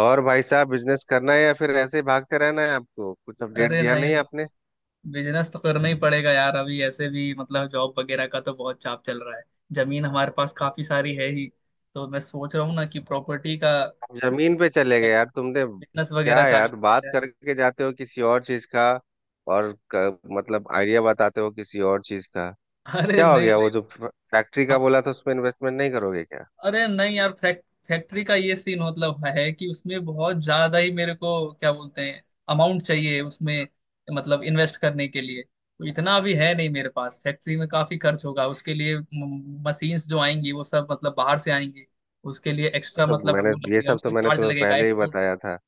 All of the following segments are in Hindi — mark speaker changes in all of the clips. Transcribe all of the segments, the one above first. Speaker 1: और भाई साहब, बिजनेस करना है या फिर ऐसे ही भागते रहना है? आपको कुछ अपडेट
Speaker 2: अरे
Speaker 1: दिया नहीं
Speaker 2: नहीं।
Speaker 1: आपने।
Speaker 2: बिजनेस तो करना ही पड़ेगा यार। अभी ऐसे भी मतलब जॉब वगैरह का तो बहुत चाप चल रहा है। जमीन हमारे पास काफी सारी है ही, तो मैं सोच रहा हूँ ना कि प्रॉपर्टी का
Speaker 1: जमीन पे चले गए यार तुमने,
Speaker 2: बिजनेस
Speaker 1: क्या
Speaker 2: वगैरह चालू
Speaker 1: यार,
Speaker 2: किया
Speaker 1: बात
Speaker 2: जाए।
Speaker 1: करके जाते हो किसी और चीज का। और मतलब आइडिया बताते हो किसी और चीज का।
Speaker 2: अरे
Speaker 1: क्या हो
Speaker 2: नहीं
Speaker 1: गया?
Speaker 2: भाई।
Speaker 1: वो जो फैक्ट्री का बोला था, उसमें इन्वेस्टमेंट नहीं करोगे क्या?
Speaker 2: अरे नहीं यार, फैक्ट्री का ये सीन मतलब है कि उसमें बहुत ज्यादा ही मेरे को क्या बोलते हैं, अमाउंट चाहिए उसमें। मतलब इन्वेस्ट करने के लिए तो इतना अभी है नहीं मेरे पास। फैक्ट्री में काफी खर्च होगा उसके लिए। मशीन्स जो आएंगी वो सब मतलब बाहर से आएंगी। उसके लिए एक्स्ट्रा
Speaker 1: तो
Speaker 2: मतलब
Speaker 1: मैंने,
Speaker 2: वो
Speaker 1: ये
Speaker 2: लगेगा,
Speaker 1: सब तो
Speaker 2: उसका
Speaker 1: मैंने
Speaker 2: चार्ज
Speaker 1: तुम्हें
Speaker 2: लगेगा
Speaker 1: पहले ही
Speaker 2: एक्सपोर्ट।
Speaker 1: बताया था।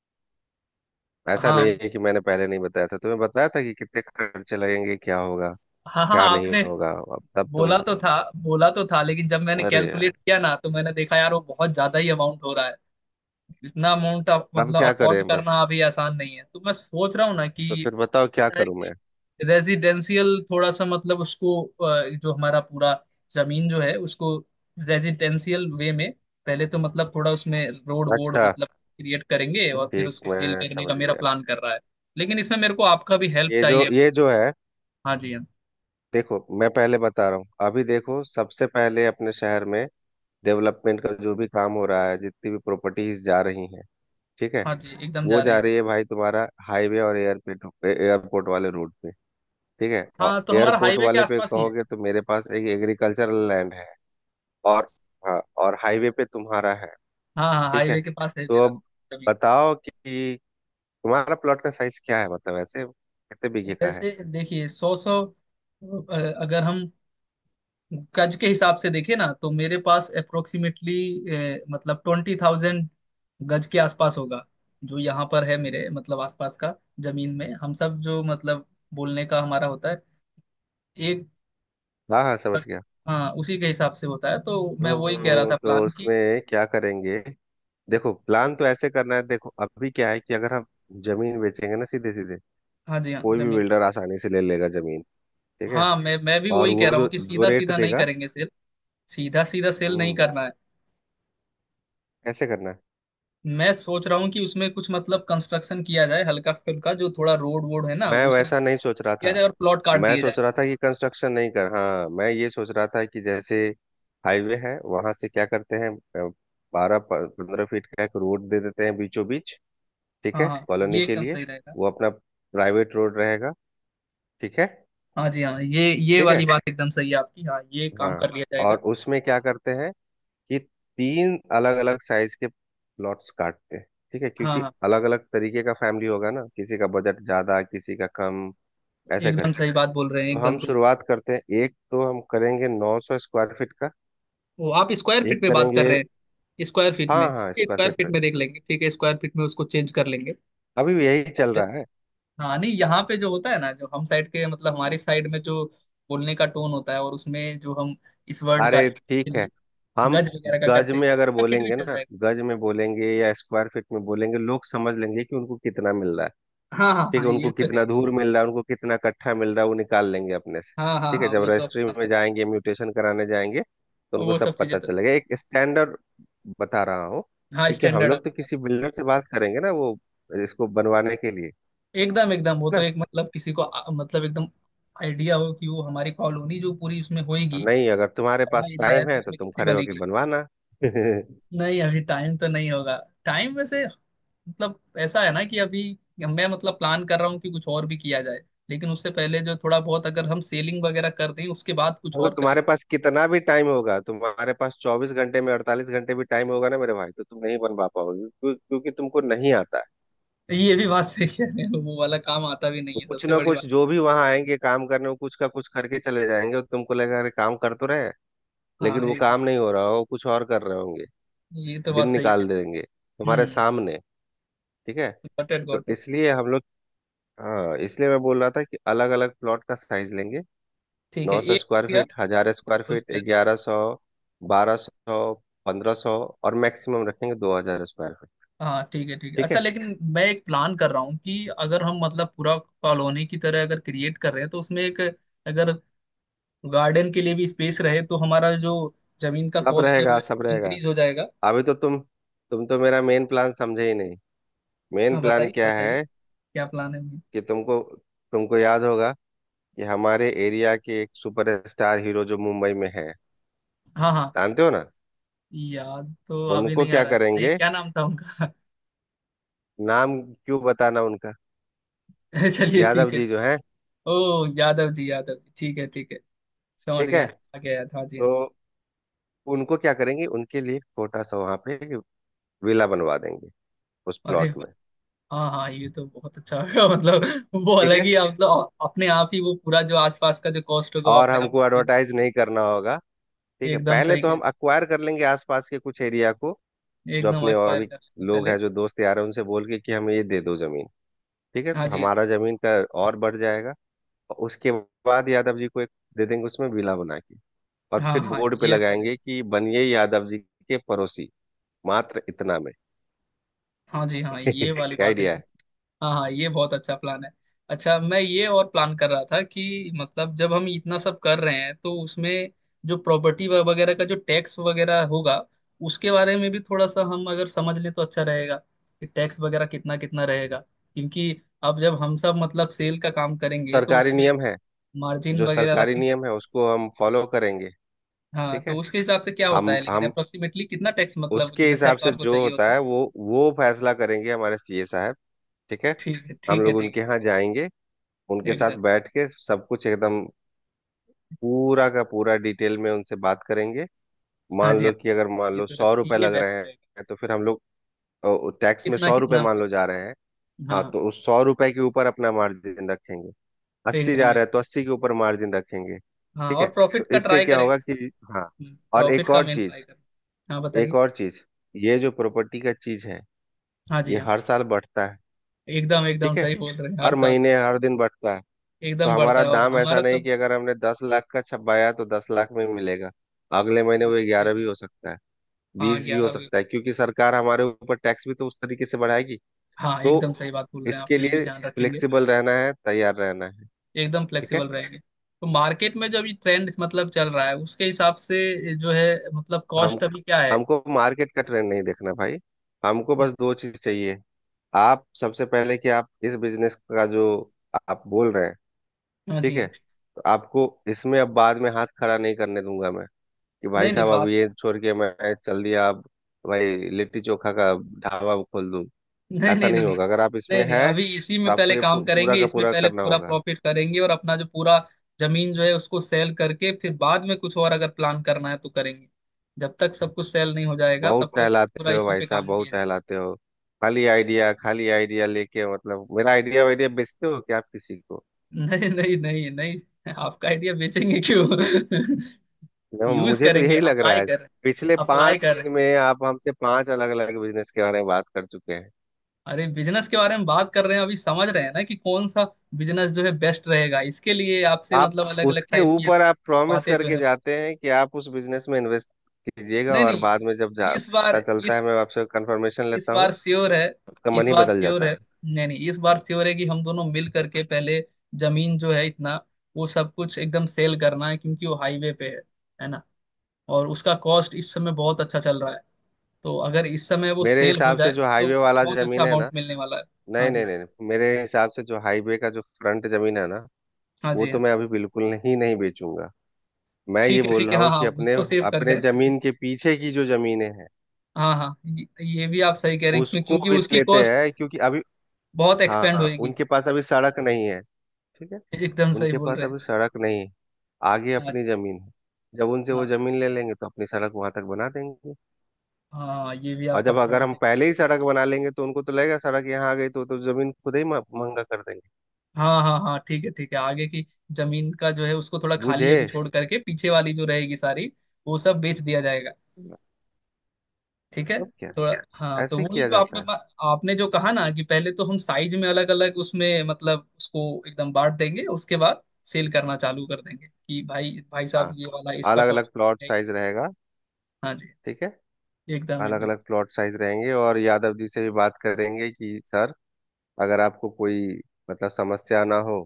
Speaker 1: ऐसा नहीं
Speaker 2: हाँ
Speaker 1: है कि मैंने पहले नहीं बताया था, तुम्हें बताया था कि कितने खर्चे लगेंगे, क्या होगा
Speaker 2: हाँ हाँ
Speaker 1: क्या नहीं
Speaker 2: आपने
Speaker 1: होगा। अब तब तुम,
Speaker 2: बोला तो था। बोला तो था लेकिन जब मैंने
Speaker 1: अरे यार,
Speaker 2: कैलकुलेट किया ना तो मैंने देखा यार वो बहुत ज्यादा ही अमाउंट हो रहा है। इतना अमाउंट आप
Speaker 1: अब
Speaker 2: मतलब
Speaker 1: क्या
Speaker 2: अफोर्ड
Speaker 1: करें बस।
Speaker 2: करना अभी आसान नहीं है, तो मैं सोच रहा हूँ ना
Speaker 1: तो
Speaker 2: कि
Speaker 1: फिर बताओ, क्या
Speaker 2: ऐसा है
Speaker 1: करूं मैं?
Speaker 2: कि रेजिडेंशियल थोड़ा सा मतलब उसको जो हमारा पूरा जमीन जो है उसको रेजिडेंशियल वे में, पहले तो मतलब थोड़ा उसमें रोड वोड
Speaker 1: अच्छा,
Speaker 2: मतलब क्रिएट करेंगे और फिर
Speaker 1: ठीक,
Speaker 2: उसको सेल
Speaker 1: मैं
Speaker 2: करने का
Speaker 1: समझ
Speaker 2: मेरा
Speaker 1: गया।
Speaker 2: प्लान कर रहा है। लेकिन इसमें मेरे को आपका भी हेल्प
Speaker 1: ये जो
Speaker 2: चाहिए।
Speaker 1: ये जो है
Speaker 2: हाँ जी हाँ।
Speaker 1: देखो, मैं पहले बता रहा हूँ, अभी देखो, सबसे पहले अपने शहर में डेवलपमेंट का जो भी काम हो रहा है, जितनी भी प्रॉपर्टीज जा रही हैं, ठीक है?
Speaker 2: हाँ जी एकदम
Speaker 1: वो
Speaker 2: जा रहे
Speaker 1: जा
Speaker 2: हैं।
Speaker 1: रही है भाई, तुम्हारा हाईवे और एयरपोर्ट, एयरपोर्ट वाले रोड पे। ठीक है?
Speaker 2: हाँ
Speaker 1: और
Speaker 2: तो हमारा
Speaker 1: एयरपोर्ट
Speaker 2: हाईवे के
Speaker 1: वाले पे
Speaker 2: आसपास ही है।
Speaker 1: कहोगे तो मेरे पास एक एग्रीकल्चरल लैंड है। और हाँ, और हाईवे पे तुम्हारा है।
Speaker 2: हाँ हाँ
Speaker 1: ठीक है।
Speaker 2: हाईवे के पास है
Speaker 1: तो
Speaker 2: मेरा
Speaker 1: अब
Speaker 2: जमीन।
Speaker 1: बताओ कि तुम्हारा प्लॉट का साइज क्या है, मतलब ऐसे कितने बीघे का है?
Speaker 2: वैसे देखिए सौ सौ अगर हम गज के हिसाब से देखिए ना तो मेरे पास अप्रोक्सीमेटली मतलब 20,000 गज के आसपास होगा, जो यहाँ पर है मेरे मतलब आसपास का। जमीन में हम सब जो मतलब बोलने का हमारा होता है एक।
Speaker 1: हाँ हाँ, समझ गया।
Speaker 2: हाँ उसी के हिसाब से होता है तो मैं वही कह रहा था
Speaker 1: तो
Speaker 2: प्लान की।
Speaker 1: उसमें क्या करेंगे? देखो, प्लान तो ऐसे करना है। देखो अभी क्या है कि अगर हम जमीन बेचेंगे ना सीधे सीधे,
Speaker 2: हाँ जी हाँ
Speaker 1: कोई भी
Speaker 2: जमीन।
Speaker 1: बिल्डर आसानी से ले लेगा जमीन। ठीक है?
Speaker 2: हाँ मैं भी
Speaker 1: और
Speaker 2: वही कह
Speaker 1: वो
Speaker 2: रहा हूँ
Speaker 1: जो
Speaker 2: कि
Speaker 1: जो
Speaker 2: सीधा
Speaker 1: रेट
Speaker 2: सीधा नहीं
Speaker 1: देगा,
Speaker 2: करेंगे सेल। सीधा सीधा सेल नहीं
Speaker 1: हम्म,
Speaker 2: करना है।
Speaker 1: ऐसे करना है।
Speaker 2: मैं सोच रहा हूँ कि उसमें कुछ मतलब कंस्ट्रक्शन किया जाए, हल्का फुल्का जो थोड़ा रोड वोड है ना
Speaker 1: मैं
Speaker 2: वो सब
Speaker 1: वैसा नहीं सोच रहा
Speaker 2: किया
Speaker 1: था,
Speaker 2: जाए और प्लॉट काट
Speaker 1: मैं
Speaker 2: दिए जाए।
Speaker 1: सोच रहा था कि कंस्ट्रक्शन नहीं कर, हाँ, मैं ये सोच रहा था कि जैसे हाईवे है वहां से क्या करते हैं, 12-15 फीट का एक रोड दे देते हैं बीचों बीच। ठीक
Speaker 2: हाँ
Speaker 1: है,
Speaker 2: हाँ
Speaker 1: कॉलोनी
Speaker 2: ये
Speaker 1: के
Speaker 2: एकदम
Speaker 1: लिए।
Speaker 2: सही रहेगा।
Speaker 1: वो अपना प्राइवेट रोड रहेगा। ठीक है।
Speaker 2: हाँ जी हाँ, ये
Speaker 1: ठीक है।
Speaker 2: वाली बात एकदम सही है आपकी। हाँ ये काम
Speaker 1: हाँ,
Speaker 2: कर लिया जाएगा।
Speaker 1: और उसमें क्या करते हैं कि तीन अलग अलग साइज के प्लॉट्स काटते हैं। ठीक है,
Speaker 2: हाँ
Speaker 1: क्योंकि
Speaker 2: हाँ
Speaker 1: अलग अलग तरीके का फैमिली होगा ना, किसी का बजट ज्यादा किसी का कम। ऐसे
Speaker 2: एकदम
Speaker 1: करके,
Speaker 2: सही बात बोल रहे हैं
Speaker 1: तो
Speaker 2: एकदम
Speaker 1: हम
Speaker 2: सही।
Speaker 1: शुरुआत करते हैं। एक तो हम करेंगे 900 स्क्वायर फीट का,
Speaker 2: वो आप स्क्वायर फीट
Speaker 1: एक
Speaker 2: में बात कर
Speaker 1: करेंगे,
Speaker 2: रहे हैं? स्क्वायर फीट
Speaker 1: हाँ
Speaker 2: में
Speaker 1: हाँ,
Speaker 2: ठीक है।
Speaker 1: स्क्वायर
Speaker 2: स्क्वायर
Speaker 1: फीट
Speaker 2: फीट
Speaker 1: पर
Speaker 2: में देख लेंगे, ठीक है। स्क्वायर फीट में उसको चेंज कर लेंगे।
Speaker 1: अभी भी यही चल रहा है।
Speaker 2: हाँ नहीं यहाँ पे जो होता है ना, जो हम साइड के मतलब हमारी साइड में जो बोलने का टोन होता है और उसमें जो हम इस वर्ड का
Speaker 1: अरे
Speaker 2: के
Speaker 1: ठीक है।
Speaker 2: लिए
Speaker 1: हम
Speaker 2: गज वगैरह का
Speaker 1: गज
Speaker 2: करते हैं,
Speaker 1: में अगर
Speaker 2: स्क्वायर फीट भी
Speaker 1: बोलेंगे
Speaker 2: चल
Speaker 1: ना,
Speaker 2: जाएगा।
Speaker 1: गज में बोलेंगे या स्क्वायर फीट में बोलेंगे, लोग समझ लेंगे कि उनको कितना मिल रहा है।
Speaker 2: हाँ हाँ
Speaker 1: ठीक
Speaker 2: हाँ
Speaker 1: है,
Speaker 2: ये
Speaker 1: उनको
Speaker 2: तो है
Speaker 1: कितना
Speaker 2: ही।
Speaker 1: धूर मिल रहा है, उनको कितना कट्ठा मिल रहा है, वो निकाल लेंगे अपने से।
Speaker 2: हाँ हाँ
Speaker 1: ठीक है,
Speaker 2: हाँ
Speaker 1: जब
Speaker 2: वो तो
Speaker 1: रजिस्ट्री
Speaker 2: अपने आप
Speaker 1: में
Speaker 2: से।
Speaker 1: जाएंगे, म्यूटेशन कराने जाएंगे, तो उनको
Speaker 2: वो सब
Speaker 1: सब
Speaker 2: चीजें
Speaker 1: पता
Speaker 2: तो
Speaker 1: चलेगा। एक स्टैंडर्ड बता रहा हूँ,
Speaker 2: हाँ
Speaker 1: क्योंकि हम
Speaker 2: स्टैंडर्ड आप
Speaker 1: लोग तो
Speaker 2: बता।
Speaker 1: किसी बिल्डर से बात करेंगे ना, वो इसको बनवाने के लिए,
Speaker 2: एकदम एकदम वो तो
Speaker 1: है ना?
Speaker 2: एक मतलब किसी को मतलब एकदम आइडिया हो कि वो हमारी कॉलोनी जो पूरी उसमें
Speaker 1: तो
Speaker 2: होएगी।
Speaker 1: नहीं, अगर तुम्हारे पास
Speaker 2: बड़ा एरिया है
Speaker 1: टाइम
Speaker 2: तो
Speaker 1: है तो
Speaker 2: उसमें
Speaker 1: तुम
Speaker 2: कैसे
Speaker 1: खड़े होके
Speaker 2: बनेगी?
Speaker 1: बनवाना।
Speaker 2: नहीं अभी टाइम तो नहीं होगा। टाइम वैसे मतलब ऐसा है ना कि अभी मैं मतलब प्लान कर रहा हूँ कि कुछ और भी किया जाए। लेकिन उससे पहले जो थोड़ा बहुत अगर हम सेलिंग वगैरह कर दें उसके बाद कुछ
Speaker 1: अगर
Speaker 2: और
Speaker 1: तुम्हारे
Speaker 2: करेंगे।
Speaker 1: पास कितना भी टाइम होगा, तुम्हारे पास 24 घंटे में 48 घंटे भी टाइम होगा ना मेरे भाई, तो तुम नहीं बनवा पाओगे। क्योंकि तुमको नहीं आता।
Speaker 2: ये भी बात सही कह रहे हो, वो वाला काम आता भी नहीं
Speaker 1: वो
Speaker 2: है
Speaker 1: कुछ
Speaker 2: सबसे
Speaker 1: ना
Speaker 2: बड़ी बात।
Speaker 1: कुछ जो भी वहां आएंगे काम करने, वो कुछ का कुछ करके चले जाएंगे और तुमको लगेगा अरे काम कर तो रहे हैं,
Speaker 2: हाँ
Speaker 1: लेकिन वो
Speaker 2: एकदम।
Speaker 1: काम नहीं हो रहा हो, कुछ और कर रहे होंगे।
Speaker 2: ये तो बात
Speaker 1: दिन
Speaker 2: सही है।
Speaker 1: निकाल देंगे तुम्हारे
Speaker 2: हम्म।
Speaker 1: सामने। ठीक है?
Speaker 2: गॉट इट
Speaker 1: तो
Speaker 2: गॉट इट।
Speaker 1: इसलिए हम लोग, हाँ, इसलिए मैं बोल रहा था कि अलग अलग प्लॉट का साइज लेंगे।
Speaker 2: ठीक है
Speaker 1: नौ सौ
Speaker 2: एक हो
Speaker 1: स्क्वायर
Speaker 2: गया
Speaker 1: फीट हजार स्क्वायर
Speaker 2: उस
Speaker 1: फीट
Speaker 2: पर।
Speaker 1: 1100, 1200, 1500, और मैक्सिमम रखेंगे 2000 स्क्वायर फीट।
Speaker 2: हाँ ठीक है
Speaker 1: ठीक
Speaker 2: अच्छा।
Speaker 1: है,
Speaker 2: लेकिन मैं एक प्लान कर रहा हूँ कि अगर हम मतलब पूरा कॉलोनी की तरह अगर क्रिएट कर रहे हैं तो उसमें एक अगर गार्डन के लिए भी स्पेस रहे, तो हमारा जो जमीन का
Speaker 1: सब
Speaker 2: कॉस्ट है
Speaker 1: रहेगा
Speaker 2: वो
Speaker 1: सब रहेगा।
Speaker 2: इंक्रीज हो जाएगा।
Speaker 1: अभी तो तुम तो मेरा मेन प्लान समझे ही नहीं।
Speaker 2: हाँ
Speaker 1: मेन प्लान
Speaker 2: बताइए
Speaker 1: क्या
Speaker 2: बताइए,
Speaker 1: है?
Speaker 2: क्या प्लान है अभी?
Speaker 1: कि तुमको, तुमको याद होगा कि हमारे एरिया के एक सुपरस्टार हीरो जो मुंबई में है,
Speaker 2: हाँ हाँ।
Speaker 1: जानते हो ना?
Speaker 2: याद तो अभी
Speaker 1: उनको
Speaker 2: नहीं आ
Speaker 1: क्या
Speaker 2: रहा है, बताइए
Speaker 1: करेंगे,
Speaker 2: क्या नाम था उनका।
Speaker 1: नाम क्यों बताना उनका?
Speaker 2: चलिए
Speaker 1: यादव
Speaker 2: ठीक है।
Speaker 1: जी जो है।
Speaker 2: ओ, यादव जी ठीक है ठीक है। समझ
Speaker 1: ठीक है,
Speaker 2: गया, आ गया याद। हाँ जी हाँ।
Speaker 1: तो उनको क्या करेंगे, उनके लिए छोटा सा वहां पे विला बनवा देंगे उस
Speaker 2: अरे,
Speaker 1: प्लॉट में।
Speaker 2: हाँ हाँ ये तो बहुत अच्छा होगा। मतलब वो
Speaker 1: ठीक
Speaker 2: अलग ही
Speaker 1: है,
Speaker 2: आप अपने आप ही वो पूरा जो आसपास का जो कॉस्ट होगा वो
Speaker 1: और
Speaker 2: अपने आप
Speaker 1: हमको
Speaker 2: ही-
Speaker 1: एडवर्टाइज नहीं करना होगा। ठीक है,
Speaker 2: एकदम
Speaker 1: पहले
Speaker 2: सही
Speaker 1: तो
Speaker 2: कह
Speaker 1: हम
Speaker 2: रहे
Speaker 1: अक्वायर कर लेंगे आसपास के कुछ एरिया को।
Speaker 2: हैं
Speaker 1: जो
Speaker 2: एकदम।
Speaker 1: अपने और
Speaker 2: एक्सपायर
Speaker 1: भी
Speaker 2: करने से
Speaker 1: लोग
Speaker 2: पहले
Speaker 1: हैं जो दोस्त यार हैं, उनसे बोल के कि हमें ये दे दो जमीन। ठीक है,
Speaker 2: हाँ
Speaker 1: तो
Speaker 2: जी
Speaker 1: हमारा जमीन का और बढ़ जाएगा। उसके बाद यादव जी को एक दे देंगे, उसमें विला बना के, और
Speaker 2: हाँ। हाँ
Speaker 1: फिर
Speaker 2: हाँ
Speaker 1: बोर्ड पे
Speaker 2: ये अच्छा
Speaker 1: लगाएंगे
Speaker 2: रहेगा।
Speaker 1: कि बनिए यादव जी के पड़ोसी मात्र इतना में।
Speaker 2: हाँ जी हाँ ये वाली
Speaker 1: क्या
Speaker 2: बात है।
Speaker 1: आइडिया है!
Speaker 2: हाँ हाँ ये बहुत अच्छा प्लान है। अच्छा मैं ये और प्लान कर रहा था कि मतलब जब हम इतना सब कर रहे हैं तो उसमें जो प्रॉपर्टी वगैरह का जो टैक्स वगैरह होगा उसके बारे में भी थोड़ा सा हम अगर समझ लें तो अच्छा रहेगा कि टैक्स वगैरह कितना कितना रहेगा, क्योंकि अब जब हम सब मतलब सेल का काम करेंगे तो
Speaker 1: सरकारी
Speaker 2: उसमें
Speaker 1: नियम है,
Speaker 2: मार्जिन
Speaker 1: जो
Speaker 2: वगैरह
Speaker 1: सरकारी
Speaker 2: रखेंगे।
Speaker 1: नियम है उसको हम फॉलो करेंगे।
Speaker 2: हाँ
Speaker 1: ठीक
Speaker 2: तो
Speaker 1: है।
Speaker 2: उसके हिसाब से क्या होता
Speaker 1: हम
Speaker 2: है, लेकिन
Speaker 1: हम
Speaker 2: अप्रोक्सीमेटली कितना टैक्स मतलब जो
Speaker 1: उसके
Speaker 2: है
Speaker 1: हिसाब से
Speaker 2: सरकार को
Speaker 1: जो
Speaker 2: चाहिए होता
Speaker 1: होता
Speaker 2: है?
Speaker 1: है वो फैसला करेंगे हमारे सीए साहब। ठीक है,
Speaker 2: ठीक है
Speaker 1: हम
Speaker 2: ठीक है
Speaker 1: लोग
Speaker 2: ठीक है
Speaker 1: उनके यहाँ
Speaker 2: ठीक
Speaker 1: जाएंगे,
Speaker 2: है
Speaker 1: उनके
Speaker 2: एकदम।
Speaker 1: साथ बैठ के सब कुछ एकदम पूरा का पूरा डिटेल में उनसे बात करेंगे।
Speaker 2: हाँ
Speaker 1: मान
Speaker 2: जी
Speaker 1: लो
Speaker 2: हाँ
Speaker 1: कि अगर मान
Speaker 2: ये
Speaker 1: लो
Speaker 2: तो
Speaker 1: ₹100
Speaker 2: ये
Speaker 1: लग
Speaker 2: बेस्ट
Speaker 1: रहे
Speaker 2: रहेगा।
Speaker 1: हैं, तो फिर हम लोग, और टैक्स में
Speaker 2: कितना
Speaker 1: ₹100
Speaker 2: कितना।
Speaker 1: मान लो जा रहे हैं, हाँ,
Speaker 2: हाँ
Speaker 1: तो उस ₹100 के ऊपर अपना मार्जिन रखेंगे। 80 जा
Speaker 2: एकदम एक।
Speaker 1: रहा है तो 80 के ऊपर मार्जिन रखेंगे।
Speaker 2: हाँ
Speaker 1: ठीक है,
Speaker 2: और
Speaker 1: तो
Speaker 2: प्रॉफिट का
Speaker 1: इससे
Speaker 2: ट्राई
Speaker 1: क्या होगा
Speaker 2: करेंगे।
Speaker 1: कि, हाँ, और
Speaker 2: प्रॉफिट
Speaker 1: एक
Speaker 2: का
Speaker 1: और
Speaker 2: मेन ट्राई
Speaker 1: चीज,
Speaker 2: करें। हाँ
Speaker 1: एक
Speaker 2: बताइए।
Speaker 1: और चीज, ये जो प्रॉपर्टी का चीज है,
Speaker 2: हाँ जी
Speaker 1: ये
Speaker 2: हाँ।
Speaker 1: हर साल बढ़ता है।
Speaker 2: एकदम एकदम
Speaker 1: ठीक है,
Speaker 2: सही बोल रहे हैं हर
Speaker 1: हर
Speaker 2: साल
Speaker 1: महीने हर दिन बढ़ता है। तो
Speaker 2: एकदम बढ़ता
Speaker 1: हमारा
Speaker 2: है और
Speaker 1: दाम ऐसा
Speaker 2: हमारा तो
Speaker 1: नहीं कि अगर हमने 10 लाख का छपाया तो 10 लाख में मिलेगा। अगले महीने वो
Speaker 2: बिल्कुल सही
Speaker 1: 11
Speaker 2: कह।
Speaker 1: भी हो सकता है,
Speaker 2: हाँ
Speaker 1: 20 भी हो
Speaker 2: 11 भी
Speaker 1: सकता है, क्योंकि सरकार हमारे ऊपर टैक्स भी तो उस तरीके से बढ़ाएगी।
Speaker 2: हाँ
Speaker 1: तो
Speaker 2: एकदम सही बात बोल रहे हैं
Speaker 1: इसके
Speaker 2: आप, ये भी
Speaker 1: लिए
Speaker 2: ध्यान रखेंगे।
Speaker 1: फ्लेक्सिबल रहना है, तैयार रहना है।
Speaker 2: एकदम
Speaker 1: ठीक
Speaker 2: फ्लेक्सिबल
Speaker 1: है।
Speaker 2: रहेंगे तो मार्केट में जो अभी ट्रेंड मतलब चल रहा है उसके हिसाब से जो है मतलब
Speaker 1: हम
Speaker 2: कॉस्ट अभी क्या है।
Speaker 1: हमको मार्केट का ट्रेंड नहीं देखना भाई, हमको बस दो चीज चाहिए आप। सबसे पहले कि आप इस बिजनेस का जो आप बोल रहे हैं,
Speaker 2: हाँ जी
Speaker 1: ठीक है,
Speaker 2: हाँ।
Speaker 1: तो आपको इसमें अब बाद में हाथ खड़ा नहीं करने दूंगा मैं कि भाई
Speaker 2: नहीं नहीं
Speaker 1: साहब अब ये छोड़ के मैं चल दिया, अब भाई लिट्टी चोखा का ढाबा खोल दूं।
Speaker 2: नहीं
Speaker 1: ऐसा
Speaker 2: नहीं
Speaker 1: नहीं
Speaker 2: नहीं नहीं
Speaker 1: होगा, अगर आप इसमें
Speaker 2: नहीं नहीं
Speaker 1: है
Speaker 2: अभी इसी
Speaker 1: तो
Speaker 2: में
Speaker 1: आपको
Speaker 2: पहले
Speaker 1: ये
Speaker 2: काम
Speaker 1: पूरा
Speaker 2: करेंगे।
Speaker 1: का
Speaker 2: इसमें
Speaker 1: पूरा
Speaker 2: पहले
Speaker 1: करना
Speaker 2: पूरा
Speaker 1: होगा।
Speaker 2: प्रॉफिट करेंगे और अपना जो पूरा जमीन जो है उसको सेल करके फिर बाद में कुछ और अगर प्लान करना है तो करेंगे। जब तक सब कुछ सेल नहीं हो जाएगा तब
Speaker 1: बहुत
Speaker 2: तक पूरा
Speaker 1: टहलाते हो
Speaker 2: इसी
Speaker 1: भाई
Speaker 2: पे
Speaker 1: साहब,
Speaker 2: काम
Speaker 1: बहुत
Speaker 2: किए।
Speaker 1: टहलाते हो। खाली आइडिया, खाली आइडिया लेके, मतलब मेरा आइडिया वाइडिया बेचते हो क्या आप किसी को?
Speaker 2: नहीं नहीं नहीं नहीं आपका आइडिया बेचेंगे क्यों।
Speaker 1: No,
Speaker 2: यूज
Speaker 1: मुझे तो
Speaker 2: करेंगे
Speaker 1: यही लग रहा
Speaker 2: अप्लाई
Speaker 1: है।
Speaker 2: कर रहे
Speaker 1: पिछले
Speaker 2: हैं अप्लाई
Speaker 1: पांच
Speaker 2: कर रहे हैं।
Speaker 1: दिन में आप हमसे 5 अलग अलग बिजनेस के बारे में बात कर चुके हैं।
Speaker 2: अरे बिजनेस के बारे में बात कर रहे हैं अभी समझ रहे हैं ना कि कौन सा बिजनेस जो है बेस्ट रहेगा इसके लिए आपसे
Speaker 1: आप
Speaker 2: मतलब अलग अलग
Speaker 1: उसके
Speaker 2: टाइप की
Speaker 1: ऊपर आप प्रॉमिस
Speaker 2: बातें जो
Speaker 1: करके
Speaker 2: है।
Speaker 1: जाते हैं कि आप उस बिजनेस में इन्वेस्ट कीजिएगा,
Speaker 2: नहीं
Speaker 1: और बाद में जब
Speaker 2: नहीं
Speaker 1: जा
Speaker 2: इस बार
Speaker 1: पता चलता
Speaker 2: इस
Speaker 1: है, मैं आपसे कंफर्मेशन
Speaker 2: इस
Speaker 1: लेता हूँ,
Speaker 2: बार श्योर है।
Speaker 1: आपका
Speaker 2: इस
Speaker 1: मन ही
Speaker 2: बार
Speaker 1: बदल
Speaker 2: श्योर
Speaker 1: जाता
Speaker 2: है।
Speaker 1: है।
Speaker 2: नहीं नहीं इस बार श्योर है कि हम दोनों मिल करके पहले जमीन जो है इतना वो सब कुछ एकदम सेल करना है क्योंकि वो हाईवे पे है ना? और उसका कॉस्ट इस समय बहुत अच्छा चल रहा है, तो अगर इस समय वो
Speaker 1: मेरे
Speaker 2: सेल हो
Speaker 1: हिसाब से
Speaker 2: जाए
Speaker 1: जो
Speaker 2: तो
Speaker 1: हाईवे वाला
Speaker 2: बहुत अच्छा
Speaker 1: जमीन है
Speaker 2: अमाउंट
Speaker 1: ना,
Speaker 2: मिलने वाला है।
Speaker 1: नहीं
Speaker 2: हाँ जी।
Speaker 1: नहीं नहीं नहीं, मेरे हिसाब से जो हाईवे का जो फ्रंट जमीन है ना,
Speaker 2: हाँ
Speaker 1: वो
Speaker 2: जी हाँ।
Speaker 1: तो मैं अभी बिल्कुल नहीं नहीं बेचूंगा। मैं ये बोल
Speaker 2: ठीक है
Speaker 1: रहा
Speaker 2: हाँ
Speaker 1: हूँ
Speaker 2: हाँ
Speaker 1: कि अपने,
Speaker 2: उसको सेव करके
Speaker 1: अपने
Speaker 2: रखेंगे।
Speaker 1: जमीन के पीछे की जो जमीनें हैं,
Speaker 2: हाँ हाँ ये भी आप सही कह रहे हैं क्यों
Speaker 1: उसको
Speaker 2: क्योंकि
Speaker 1: भी
Speaker 2: उसकी
Speaker 1: लेते
Speaker 2: कॉस्ट
Speaker 1: हैं, क्योंकि अभी,
Speaker 2: बहुत एक्सपेंड
Speaker 1: हाँ,
Speaker 2: होएगी।
Speaker 1: उनके पास अभी सड़क नहीं है। ठीक है,
Speaker 2: एकदम सही
Speaker 1: उनके
Speaker 2: बोल
Speaker 1: पास
Speaker 2: रहे हैं।
Speaker 1: अभी सड़क नहीं है, आगे
Speaker 2: हाँ
Speaker 1: अपनी जमीन है। जब उनसे वो
Speaker 2: हाँ
Speaker 1: जमीन ले लेंगे तो अपनी सड़क वहां तक बना देंगे।
Speaker 2: हाँ ये भी
Speaker 1: और
Speaker 2: आपका
Speaker 1: जब अगर
Speaker 2: पॉइंट
Speaker 1: हम पहले ही
Speaker 2: है।
Speaker 1: सड़क बना लेंगे तो उनको तो लगेगा सड़क यहाँ आ गई, तो जमीन खुद ही महंगा कर देंगे।
Speaker 2: हाँ हाँ हाँ ठीक है ठीक है। आगे की जमीन का जो है उसको थोड़ा खाली
Speaker 1: बुझे?
Speaker 2: अभी छोड़ करके, पीछे वाली जो रहेगी सारी वो सब बेच दिया जाएगा।
Speaker 1: मतलब
Speaker 2: ठीक है
Speaker 1: क्या,
Speaker 2: थोड़ा हाँ तो
Speaker 1: ऐसे ही
Speaker 2: वही
Speaker 1: किया
Speaker 2: जो
Speaker 1: जाता
Speaker 2: आपने
Speaker 1: है।
Speaker 2: आपने जो कहा ना कि पहले तो हम साइज में अलग अलग उसमें मतलब उसको एकदम बांट देंगे उसके बाद सेल करना चालू कर देंगे कि भाई भाई साहब
Speaker 1: हाँ,
Speaker 2: ये वाला इसका
Speaker 1: अलग
Speaker 2: कॉस्ट
Speaker 1: अलग प्लॉट
Speaker 2: है
Speaker 1: साइज
Speaker 2: इतना।
Speaker 1: रहेगा।
Speaker 2: हाँ जी
Speaker 1: ठीक है,
Speaker 2: एकदम
Speaker 1: अलग
Speaker 2: एकदम।
Speaker 1: अलग प्लॉट साइज रहेंगे। और यादव जी से भी बात करेंगे कि सर, अगर आपको कोई मतलब समस्या ना हो,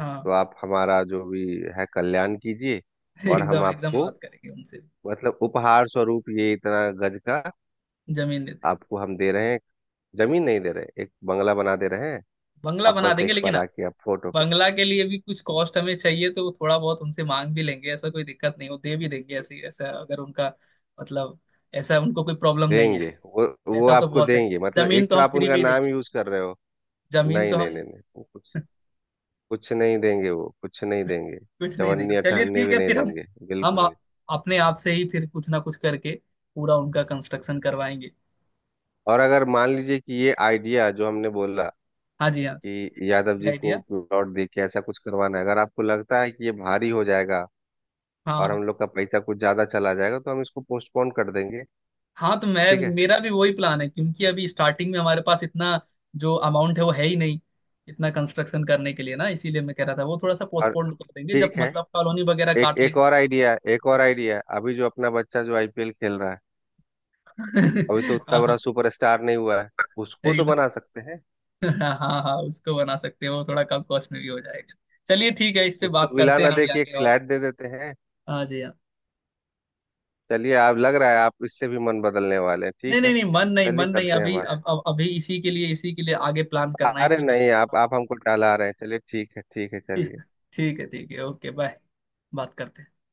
Speaker 2: हाँ
Speaker 1: तो आप हमारा जो भी है कल्याण कीजिए, और हम
Speaker 2: एकदम एकदम
Speaker 1: आपको
Speaker 2: बात करेंगे उनसे।
Speaker 1: मतलब उपहार स्वरूप ये इतना गज का
Speaker 2: जमीन दे देंगे
Speaker 1: आपको हम दे रहे हैं, जमीन नहीं दे रहे, एक बंगला बना दे रहे हैं।
Speaker 2: बंगला
Speaker 1: आप
Speaker 2: बना
Speaker 1: बस
Speaker 2: देंगे।
Speaker 1: एक
Speaker 2: लेकिन
Speaker 1: बार आके आप फोटो खींच
Speaker 2: बंगला के लिए भी कुछ कॉस्ट हमें चाहिए तो थोड़ा बहुत उनसे मांग भी लेंगे, ऐसा कोई दिक्कत नहीं वो दे भी देंगे। ऐसी ऐसा अगर उनका मतलब ऐसा उनको कोई प्रॉब्लम नहीं है।
Speaker 1: देंगे वो
Speaker 2: ऐसा तो
Speaker 1: आपको
Speaker 2: बहुत है।
Speaker 1: देंगे, मतलब
Speaker 2: जमीन
Speaker 1: एक
Speaker 2: तो
Speaker 1: तो
Speaker 2: हम
Speaker 1: आप
Speaker 2: फ्री में
Speaker 1: उनका
Speaker 2: ही
Speaker 1: नाम
Speaker 2: देंगे।
Speaker 1: यूज कर रहे हो।
Speaker 2: जमीन
Speaker 1: नहीं
Speaker 2: तो
Speaker 1: नहीं
Speaker 2: हम
Speaker 1: नहीं नहीं, वो कुछ कुछ नहीं देंगे, वो कुछ नहीं देंगे।
Speaker 2: कुछ नहीं
Speaker 1: चवन्नी
Speaker 2: देंगे। चलिए
Speaker 1: अठन्नी
Speaker 2: ठीक
Speaker 1: भी
Speaker 2: है
Speaker 1: नहीं
Speaker 2: फिर हम
Speaker 1: देंगे
Speaker 2: हम
Speaker 1: बिल्कुल।
Speaker 2: अपने आप से ही फिर कुछ ना कुछ करके पूरा उनका कंस्ट्रक्शन करवाएंगे।
Speaker 1: और अगर मान लीजिए कि ये आइडिया जो हमने बोला
Speaker 2: हाँ जी हाँ
Speaker 1: कि यादव
Speaker 2: ये
Speaker 1: जी को
Speaker 2: आइडिया
Speaker 1: प्लॉट दे के ऐसा कुछ करवाना है, अगर आपको लगता है कि ये भारी हो जाएगा
Speaker 2: हाँ
Speaker 1: और
Speaker 2: हाँ।
Speaker 1: हम लोग का पैसा कुछ ज्यादा चला जाएगा, तो हम इसको पोस्टपोन कर देंगे।
Speaker 2: हाँ तो मैं
Speaker 1: ठीक है।
Speaker 2: मेरा भी वही प्लान है क्योंकि अभी स्टार्टिंग में हमारे पास इतना जो अमाउंट है वो है ही नहीं, इतना कंस्ट्रक्शन करने के लिए ना, इसीलिए मैं कह रहा था वो थोड़ा सा
Speaker 1: और
Speaker 2: पोस्टपोन कर देंगे जब
Speaker 1: ठीक है,
Speaker 2: मतलब कॉलोनी वगैरह
Speaker 1: एक
Speaker 2: काट
Speaker 1: एक
Speaker 2: लेंगे।
Speaker 1: और आइडिया है, एक और आइडिया है। अभी जो अपना बच्चा जो आईपीएल खेल रहा है, अभी तो उतना
Speaker 2: हाँ
Speaker 1: बड़ा सुपरस्टार नहीं हुआ है, उसको तो
Speaker 2: एकदम।
Speaker 1: बना सकते हैं।
Speaker 2: हाँ हाँ हाँ, उसको बना सकते हैं वो थोड़ा कम कॉस्ट में भी हो जाएगा। चलिए ठीक है इस पे
Speaker 1: उसको
Speaker 2: बात
Speaker 1: विला
Speaker 2: करते हैं
Speaker 1: ना दे
Speaker 2: अभी
Speaker 1: के
Speaker 2: आगे
Speaker 1: एक
Speaker 2: और।
Speaker 1: फ्लैट दे देते हैं।
Speaker 2: हाँ जी हाँ।
Speaker 1: चलिए, आप, लग रहा है आप इससे भी मन बदलने वाले हैं।
Speaker 2: नहीं
Speaker 1: ठीक
Speaker 2: नहीं
Speaker 1: है,
Speaker 2: नहीं मन नहीं
Speaker 1: चलिए
Speaker 2: मन नहीं
Speaker 1: करते हैं
Speaker 2: अभी,
Speaker 1: बात।
Speaker 2: अब अभी इसी के लिए आगे प्लान करना है
Speaker 1: अरे
Speaker 2: इसी के लिए।
Speaker 1: नहीं, आप हमको टाला रहे हैं। चलिए ठीक है, ठीक है,
Speaker 2: ठीक
Speaker 1: चलिए।
Speaker 2: ठीक है ओके बाय। बात करते हैं।